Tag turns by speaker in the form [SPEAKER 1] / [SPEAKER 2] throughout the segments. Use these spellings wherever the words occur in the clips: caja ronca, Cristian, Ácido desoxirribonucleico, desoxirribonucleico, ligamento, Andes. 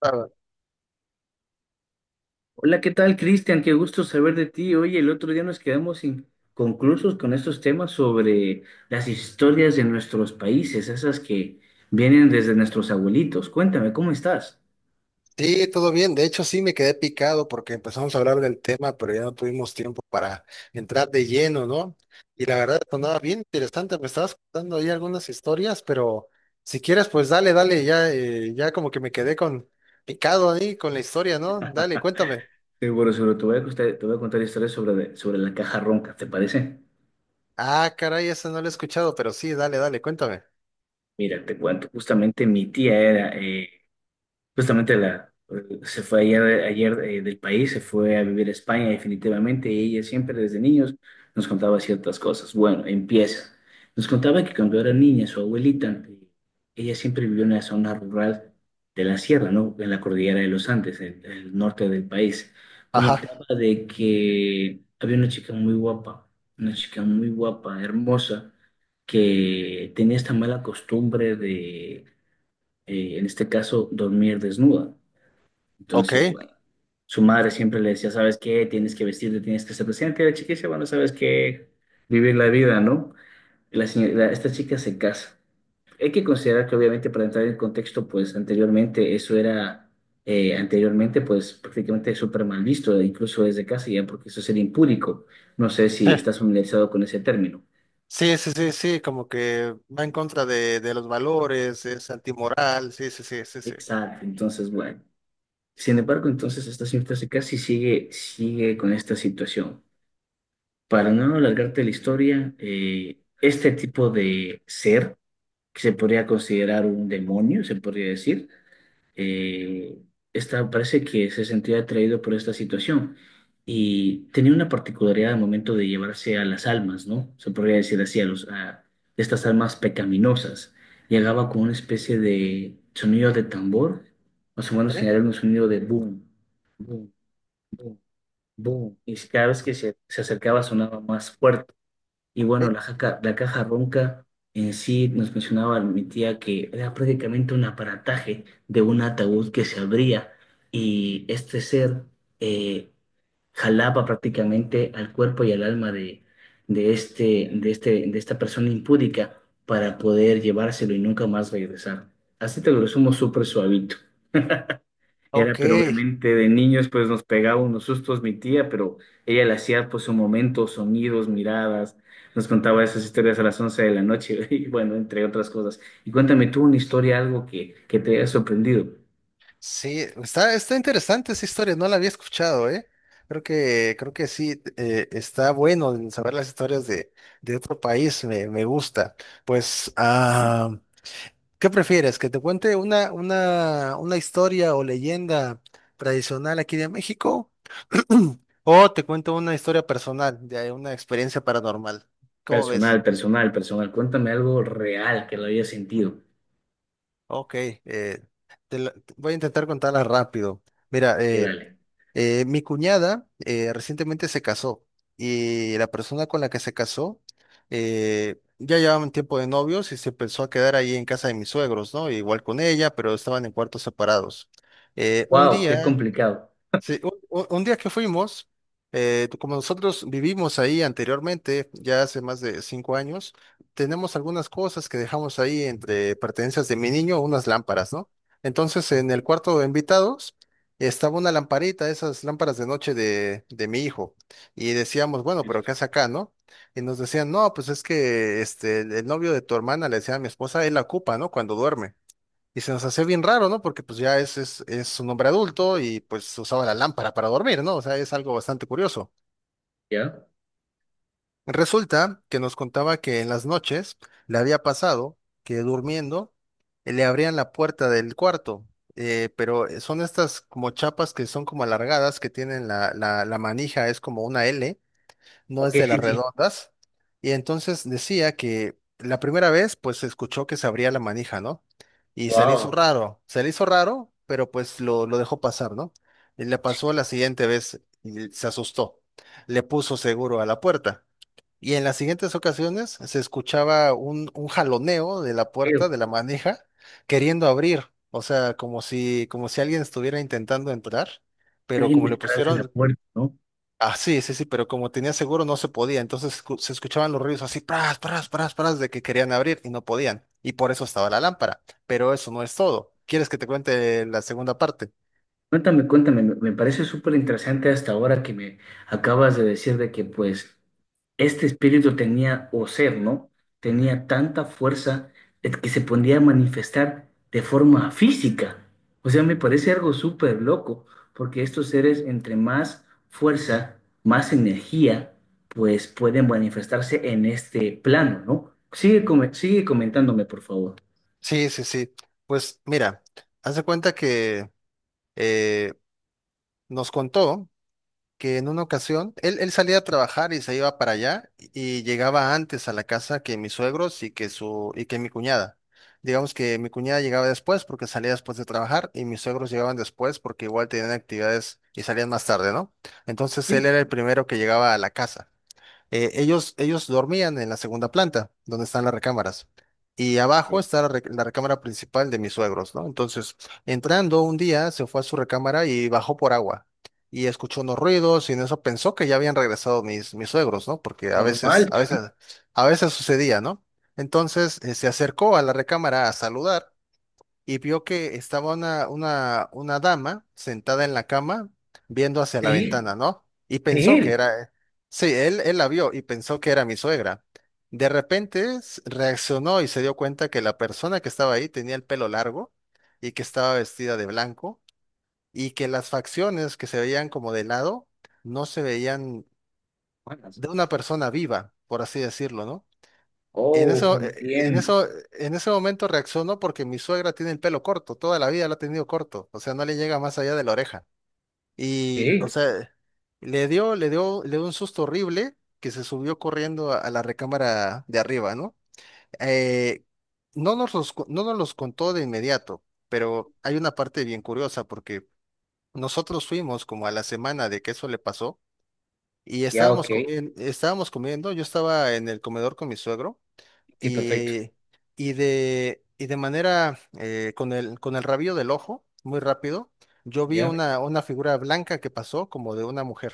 [SPEAKER 1] Ah,
[SPEAKER 2] Hola, ¿qué tal, Cristian? Qué gusto saber de ti. Oye, el otro día nos quedamos inconclusos con estos temas sobre las historias de nuestros países, esas que vienen desde nuestros abuelitos. Cuéntame, ¿cómo estás?
[SPEAKER 1] sí, todo bien. De hecho, sí me quedé picado porque empezamos a hablar del tema, pero ya no tuvimos tiempo para entrar de lleno, ¿no? Y la verdad sonaba bien interesante. Me estabas contando ahí algunas historias, pero si quieres, pues dale, dale. Ya, ya como que me quedé con picado ahí con la historia, ¿no? Dale, cuéntame.
[SPEAKER 2] Seguro, sobre Te voy a contar, te voy a contar historias sobre la caja ronca, ¿te parece?
[SPEAKER 1] Ah, caray, esa no la he escuchado, pero sí, dale, dale, cuéntame.
[SPEAKER 2] Mira, te cuento. Justamente mi tía era, Justamente la, se fue ayer del país, se fue a vivir a España definitivamente, y ella siempre desde niños nos contaba ciertas cosas. Bueno, empieza. Nos contaba que cuando era niña, su abuelita, ella siempre vivió en una zona rural de la sierra, ¿no? En la cordillera de los Andes, en el norte del país.
[SPEAKER 1] Ajá,
[SPEAKER 2] Comentaba de que había una chica muy guapa, una chica muy guapa, hermosa, que tenía esta mala costumbre, en este caso, dormir desnuda. Entonces,
[SPEAKER 1] ok.
[SPEAKER 2] bueno, su madre siempre le decía: ¿sabes qué? Tienes que vestirte, tienes que ser presente. Y la chica dice: bueno, ¿sabes qué? Vivir la vida, ¿no? Y esta chica se casa. Hay que considerar que, obviamente, para entrar en contexto, pues anteriormente pues prácticamente súper mal visto, e incluso desde casa ya, porque eso sería impúdico. No sé si estás familiarizado con ese término.
[SPEAKER 1] Sí, sí, sí, sí, sí, como que va en contra de los valores, es antimoral, sí, sí, sí, sí, sí.
[SPEAKER 2] Exacto, entonces bueno. Sin embargo, entonces esta señora se casa y sigue con esta situación. Para no alargarte la historia, este tipo de ser, que se podría considerar un demonio, se podría decir, eh, parece que se sentía atraído por esta situación y tenía una particularidad al momento de llevarse a las almas, ¿no? Se podría decir así, a estas almas pecaminosas. Llegaba con una especie de sonido de tambor, más o menos
[SPEAKER 1] Ok,
[SPEAKER 2] era un sonido de boom, boom, boom, boom, y cada vez que se acercaba sonaba más fuerte. Y bueno,
[SPEAKER 1] ok.
[SPEAKER 2] la caja ronca en sí, nos mencionaba mi tía, que era prácticamente un aparataje de un ataúd que se abría y este ser, eh, jalaba prácticamente al cuerpo y al alma de esta persona impúdica para poder llevárselo y nunca más regresar. Así te lo resumo súper suavito. Era,
[SPEAKER 1] Ok,
[SPEAKER 2] pero obviamente de niños pues nos pegaba unos sustos mi tía, pero ella le hacía pues un momento, sonidos, miradas, nos contaba esas historias a las 11 de la noche y bueno, entre otras cosas. Y cuéntame tú una historia, algo que te haya sorprendido.
[SPEAKER 1] sí, está interesante esa historia, no la había escuchado, ¿eh? Creo que sí, está bueno el saber las historias de otro país, me gusta. Pues,
[SPEAKER 2] Sí,
[SPEAKER 1] ¿qué prefieres? ¿Que te cuente una historia o leyenda tradicional aquí de México? ¿O te cuento una historia personal de una experiencia paranormal? ¿Cómo ves?
[SPEAKER 2] personal, personal, personal. Cuéntame algo real que lo hayas sentido.
[SPEAKER 1] Ok, voy a intentar contarla rápido. Mira,
[SPEAKER 2] Y dale.
[SPEAKER 1] Mi cuñada recientemente se casó y la persona con la que se casó ya llevaban tiempo de novios y se pensó a quedar ahí en casa de mis suegros, ¿no? Igual con ella, pero estaban en cuartos separados. Un
[SPEAKER 2] Wow, qué
[SPEAKER 1] día.
[SPEAKER 2] complicado.
[SPEAKER 1] Sí, un día que fuimos, como nosotros vivimos ahí anteriormente, ya hace más de 5 años, tenemos algunas cosas que dejamos ahí entre pertenencias de mi niño, unas lámparas, ¿no? Entonces, en el
[SPEAKER 2] Sí,
[SPEAKER 1] cuarto de invitados estaba una lamparita, esas lámparas de noche de mi hijo, y decíamos, bueno, pero ¿qué
[SPEAKER 2] listo.
[SPEAKER 1] hace acá, no? Y nos decían, no, pues es que este, el novio de tu hermana, le decía a mi esposa, él la ocupa, ¿no? Cuando duerme. Y se nos hacía bien raro, ¿no? Porque pues ya es un hombre adulto y pues usaba la lámpara para dormir, ¿no? O sea, es algo bastante curioso.
[SPEAKER 2] ¿Ya?
[SPEAKER 1] Resulta que nos contaba que en las noches le había pasado que durmiendo le abrían la puerta del cuarto, pero son estas como chapas que son como alargadas, que tienen la manija, es como una L, no
[SPEAKER 2] Ok,
[SPEAKER 1] es de
[SPEAKER 2] sí,
[SPEAKER 1] las
[SPEAKER 2] sí.
[SPEAKER 1] redondas. Y entonces decía que la primera vez, pues se escuchó que se abría la manija, ¿no? Y se le hizo
[SPEAKER 2] Wow.
[SPEAKER 1] raro, se le hizo raro, pero pues lo dejó pasar, ¿no? Y le pasó la siguiente vez y se asustó. Le puso seguro a la puerta. Y en las siguientes ocasiones se escuchaba un jaloneo de la puerta, de la manija, queriendo abrir. O sea, como si alguien estuviera intentando entrar, pero
[SPEAKER 2] Alguien
[SPEAKER 1] como le
[SPEAKER 2] detrás de la
[SPEAKER 1] pusieron,
[SPEAKER 2] puerta, ¿no?
[SPEAKER 1] ah, sí, sí, sí, pero como tenía seguro no se podía, entonces se escuchaban los ruidos así, pras, pras, pras, pras, de que querían abrir y no podían, y por eso estaba la lámpara, pero eso no es todo. ¿Quieres que te cuente la segunda parte?
[SPEAKER 2] Cuéntame, cuéntame, me parece súper interesante hasta ahora que me acabas de decir de que pues este espíritu tenía, o ser, ¿no? Tenía tanta fuerza, que se podía manifestar de forma física. O sea, me parece algo súper loco, porque estos seres, entre más fuerza, más energía, pues pueden manifestarse en este plano, ¿no? Sigue, sigue comentándome, por favor.
[SPEAKER 1] Sí, sí, sí. Pues mira, haz de cuenta que eh, nos contó que en una ocasión él salía a trabajar y se iba para allá y llegaba antes a la casa que mis suegros y que mi cuñada. Digamos que mi cuñada llegaba después porque salía después de trabajar y mis suegros llegaban después porque igual tenían actividades y salían más tarde, ¿no? Entonces él
[SPEAKER 2] ¿Eh?
[SPEAKER 1] era el primero que llegaba a la casa. Ellos dormían en la segunda planta, donde están las recámaras. Y abajo
[SPEAKER 2] Eh,
[SPEAKER 1] está la recámara principal de mis suegros, ¿no? Entonces, entrando un día, se fue a su recámara y bajó por agua. Y escuchó unos ruidos y en eso pensó que ya habían regresado mis suegros, ¿no? Porque a veces,
[SPEAKER 2] Normal.
[SPEAKER 1] a veces, a veces sucedía, ¿no? Entonces, se acercó a la recámara a saludar y vio que estaba una dama sentada en la cama viendo hacia
[SPEAKER 2] De
[SPEAKER 1] la
[SPEAKER 2] él,
[SPEAKER 1] ventana, ¿no? Y
[SPEAKER 2] de
[SPEAKER 1] pensó que
[SPEAKER 2] él.
[SPEAKER 1] era, sí, él la vio y pensó que era mi suegra. De repente reaccionó y se dio cuenta que la persona que estaba ahí tenía el pelo largo y que estaba vestida de blanco y que las facciones que se veían como de lado no se veían de una persona viva, por así decirlo, ¿no? En
[SPEAKER 2] Oh,
[SPEAKER 1] eso, eh, en
[SPEAKER 2] entiendo.
[SPEAKER 1] eso, en ese momento reaccionó porque mi suegra tiene el pelo corto, toda la vida lo ha tenido corto, o sea, no le llega más allá de la oreja. Y, o
[SPEAKER 2] Ok,
[SPEAKER 1] sea, le dio un susto horrible que se subió corriendo a la recámara de arriba, ¿no? Eh, no nos los contó de inmediato, pero hay una parte bien curiosa porque nosotros fuimos como a la semana de que eso le pasó y
[SPEAKER 2] ya, ok.
[SPEAKER 1] estábamos comiendo, yo estaba en el comedor con mi suegro
[SPEAKER 2] Ok, perfecto.
[SPEAKER 1] y, y de manera con el rabillo del ojo, muy rápido, yo vi
[SPEAKER 2] Ya.
[SPEAKER 1] una figura blanca que pasó como de una mujer.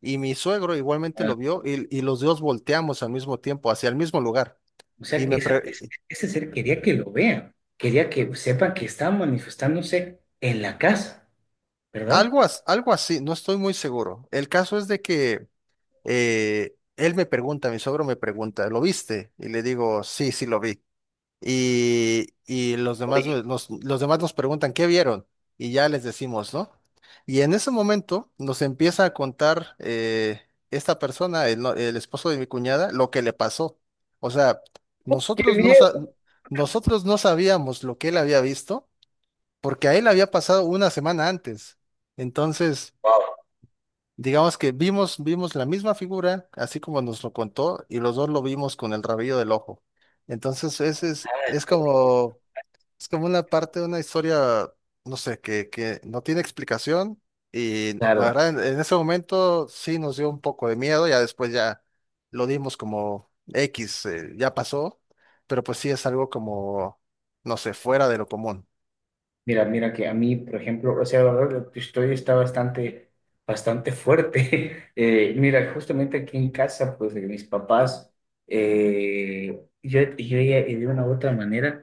[SPEAKER 1] Y mi suegro igualmente
[SPEAKER 2] Ah,
[SPEAKER 1] lo vio y los dos volteamos al mismo tiempo, hacia el mismo lugar.
[SPEAKER 2] o
[SPEAKER 1] Y
[SPEAKER 2] sea, que
[SPEAKER 1] me pre-
[SPEAKER 2] ese ser quería que lo vean. Quería que sepan que están manifestándose en la casa, ¿verdad?
[SPEAKER 1] algo, as- algo así, no estoy muy seguro. El caso es de que él me pregunta, mi suegro me pregunta, ¿lo viste? Y le digo, sí, sí lo vi. Y los demás,
[SPEAKER 2] Oye,
[SPEAKER 1] los demás nos preguntan, ¿qué vieron? Y ya les decimos, ¿no? Y en ese momento nos empieza a contar esta persona, el, no- el esposo de mi cuñada, lo que le pasó. O sea,
[SPEAKER 2] qué
[SPEAKER 1] nosotros no,
[SPEAKER 2] bien.
[SPEAKER 1] sa- nosotros no sabíamos lo que él había visto porque a él había pasado una semana antes. Entonces,
[SPEAKER 2] Wow.
[SPEAKER 1] digamos que vimos la misma figura, así como nos lo contó, y los dos lo vimos con el rabillo del ojo. Entonces, ese es,
[SPEAKER 2] Ah,
[SPEAKER 1] es
[SPEAKER 2] oye,
[SPEAKER 1] como es como una parte de una historia, no sé, que no tiene explicación. Y la
[SPEAKER 2] claro.
[SPEAKER 1] verdad, en ese momento sí nos dio un poco de miedo. Ya después ya lo dimos como X, ya pasó. Pero pues sí es algo como, no sé, fuera de lo común.
[SPEAKER 2] Mira, mira que a mí, por ejemplo, o sea, la verdad, tu historia está bastante fuerte. Mira, justamente aquí en casa, pues de mis papás, yo ya, de una u otra manera,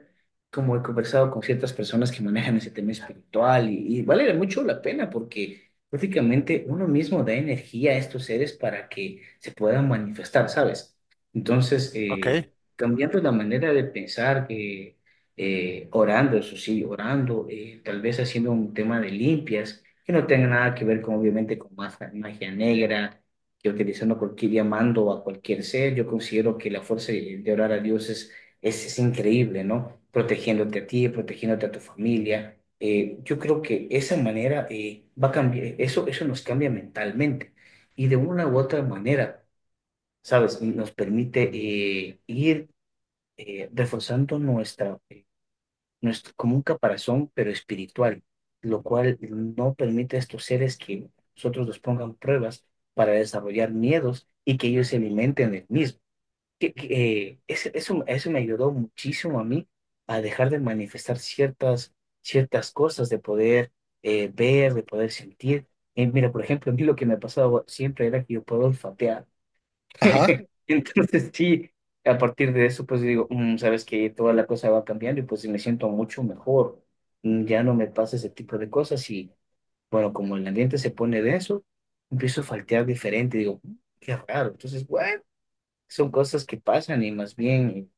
[SPEAKER 2] como he conversado con ciertas personas que manejan ese tema espiritual, y vale mucho la pena porque prácticamente uno mismo da energía a estos seres para que se puedan manifestar, ¿sabes? Entonces,
[SPEAKER 1] Ok.
[SPEAKER 2] cambiando la manera de pensar, orando, eso sí, orando, tal vez haciendo un tema de limpias que no tenga nada que ver con, obviamente, con magia, magia negra, que utilizando cualquier, llamando a cualquier ser. Yo considero que la fuerza de orar a Dios es, es increíble, ¿no? Protegiéndote a ti, protegiéndote a tu familia. Yo creo que esa manera, va a cambiar, eso nos cambia mentalmente, y de una u otra manera, ¿sabes? Nos permite, ir, reforzando nuestra, como un caparazón, pero espiritual, lo cual no permite a estos seres que nosotros nos pongan pruebas para desarrollar miedos y que ellos se alimenten del mismo. Eso me ayudó muchísimo a mí a dejar de manifestar ciertas cosas, de poder, ver, de poder sentir. Mira, por ejemplo, a mí lo que me pasaba siempre era que yo puedo olfatear.
[SPEAKER 1] Ajá.
[SPEAKER 2] Entonces sí, a partir de eso, pues digo, "Mm, sabes que toda la cosa va cambiando y pues me siento mucho mejor. Mm, ya no me pasa ese tipo de cosas y bueno, como el ambiente se pone denso, empiezo a faltear diferente. Digo, "Mm, qué raro." Entonces, bueno, son cosas que pasan, y más bien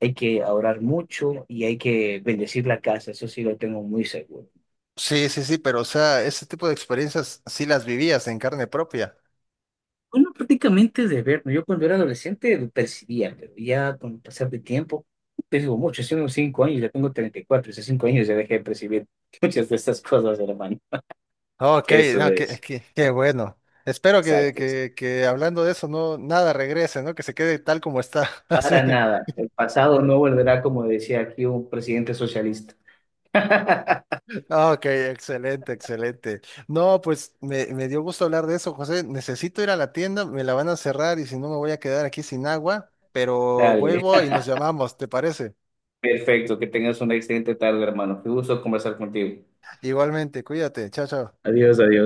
[SPEAKER 2] hay que orar mucho y hay que bendecir la casa. Eso sí lo tengo muy seguro.
[SPEAKER 1] Sí, sí, sí, pero o sea, ese tipo de experiencias sí las vivías en carne propia.
[SPEAKER 2] Bueno, prácticamente de ver, ¿no? Yo cuando era adolescente lo percibía, pero ya con el pasar del tiempo, te digo mucho, hace unos 5 años, ya tengo 34, hace 5 años ya dejé de percibir muchas de estas cosas, hermano.
[SPEAKER 1] Ok,
[SPEAKER 2] Eso
[SPEAKER 1] no, qué,
[SPEAKER 2] es,
[SPEAKER 1] qué, qué bueno. Espero que,
[SPEAKER 2] exacto.
[SPEAKER 1] que, que hablando de eso, no, nada regrese, ¿no? Que se quede tal como está. Así.
[SPEAKER 2] Para nada, el pasado no volverá, como decía aquí un presidente socialista.
[SPEAKER 1] Ah, ok, excelente, excelente. No, pues me dio gusto hablar de eso, José. Necesito ir a la tienda, me la van a cerrar y si no me voy a quedar aquí sin agua, pero
[SPEAKER 2] Dale,
[SPEAKER 1] vuelvo y nos llamamos, ¿te parece?
[SPEAKER 2] perfecto, que tengas una excelente tarde, hermano. Qué gusto conversar contigo.
[SPEAKER 1] Igualmente, cuídate, chao, chao.
[SPEAKER 2] Adiós, adiós.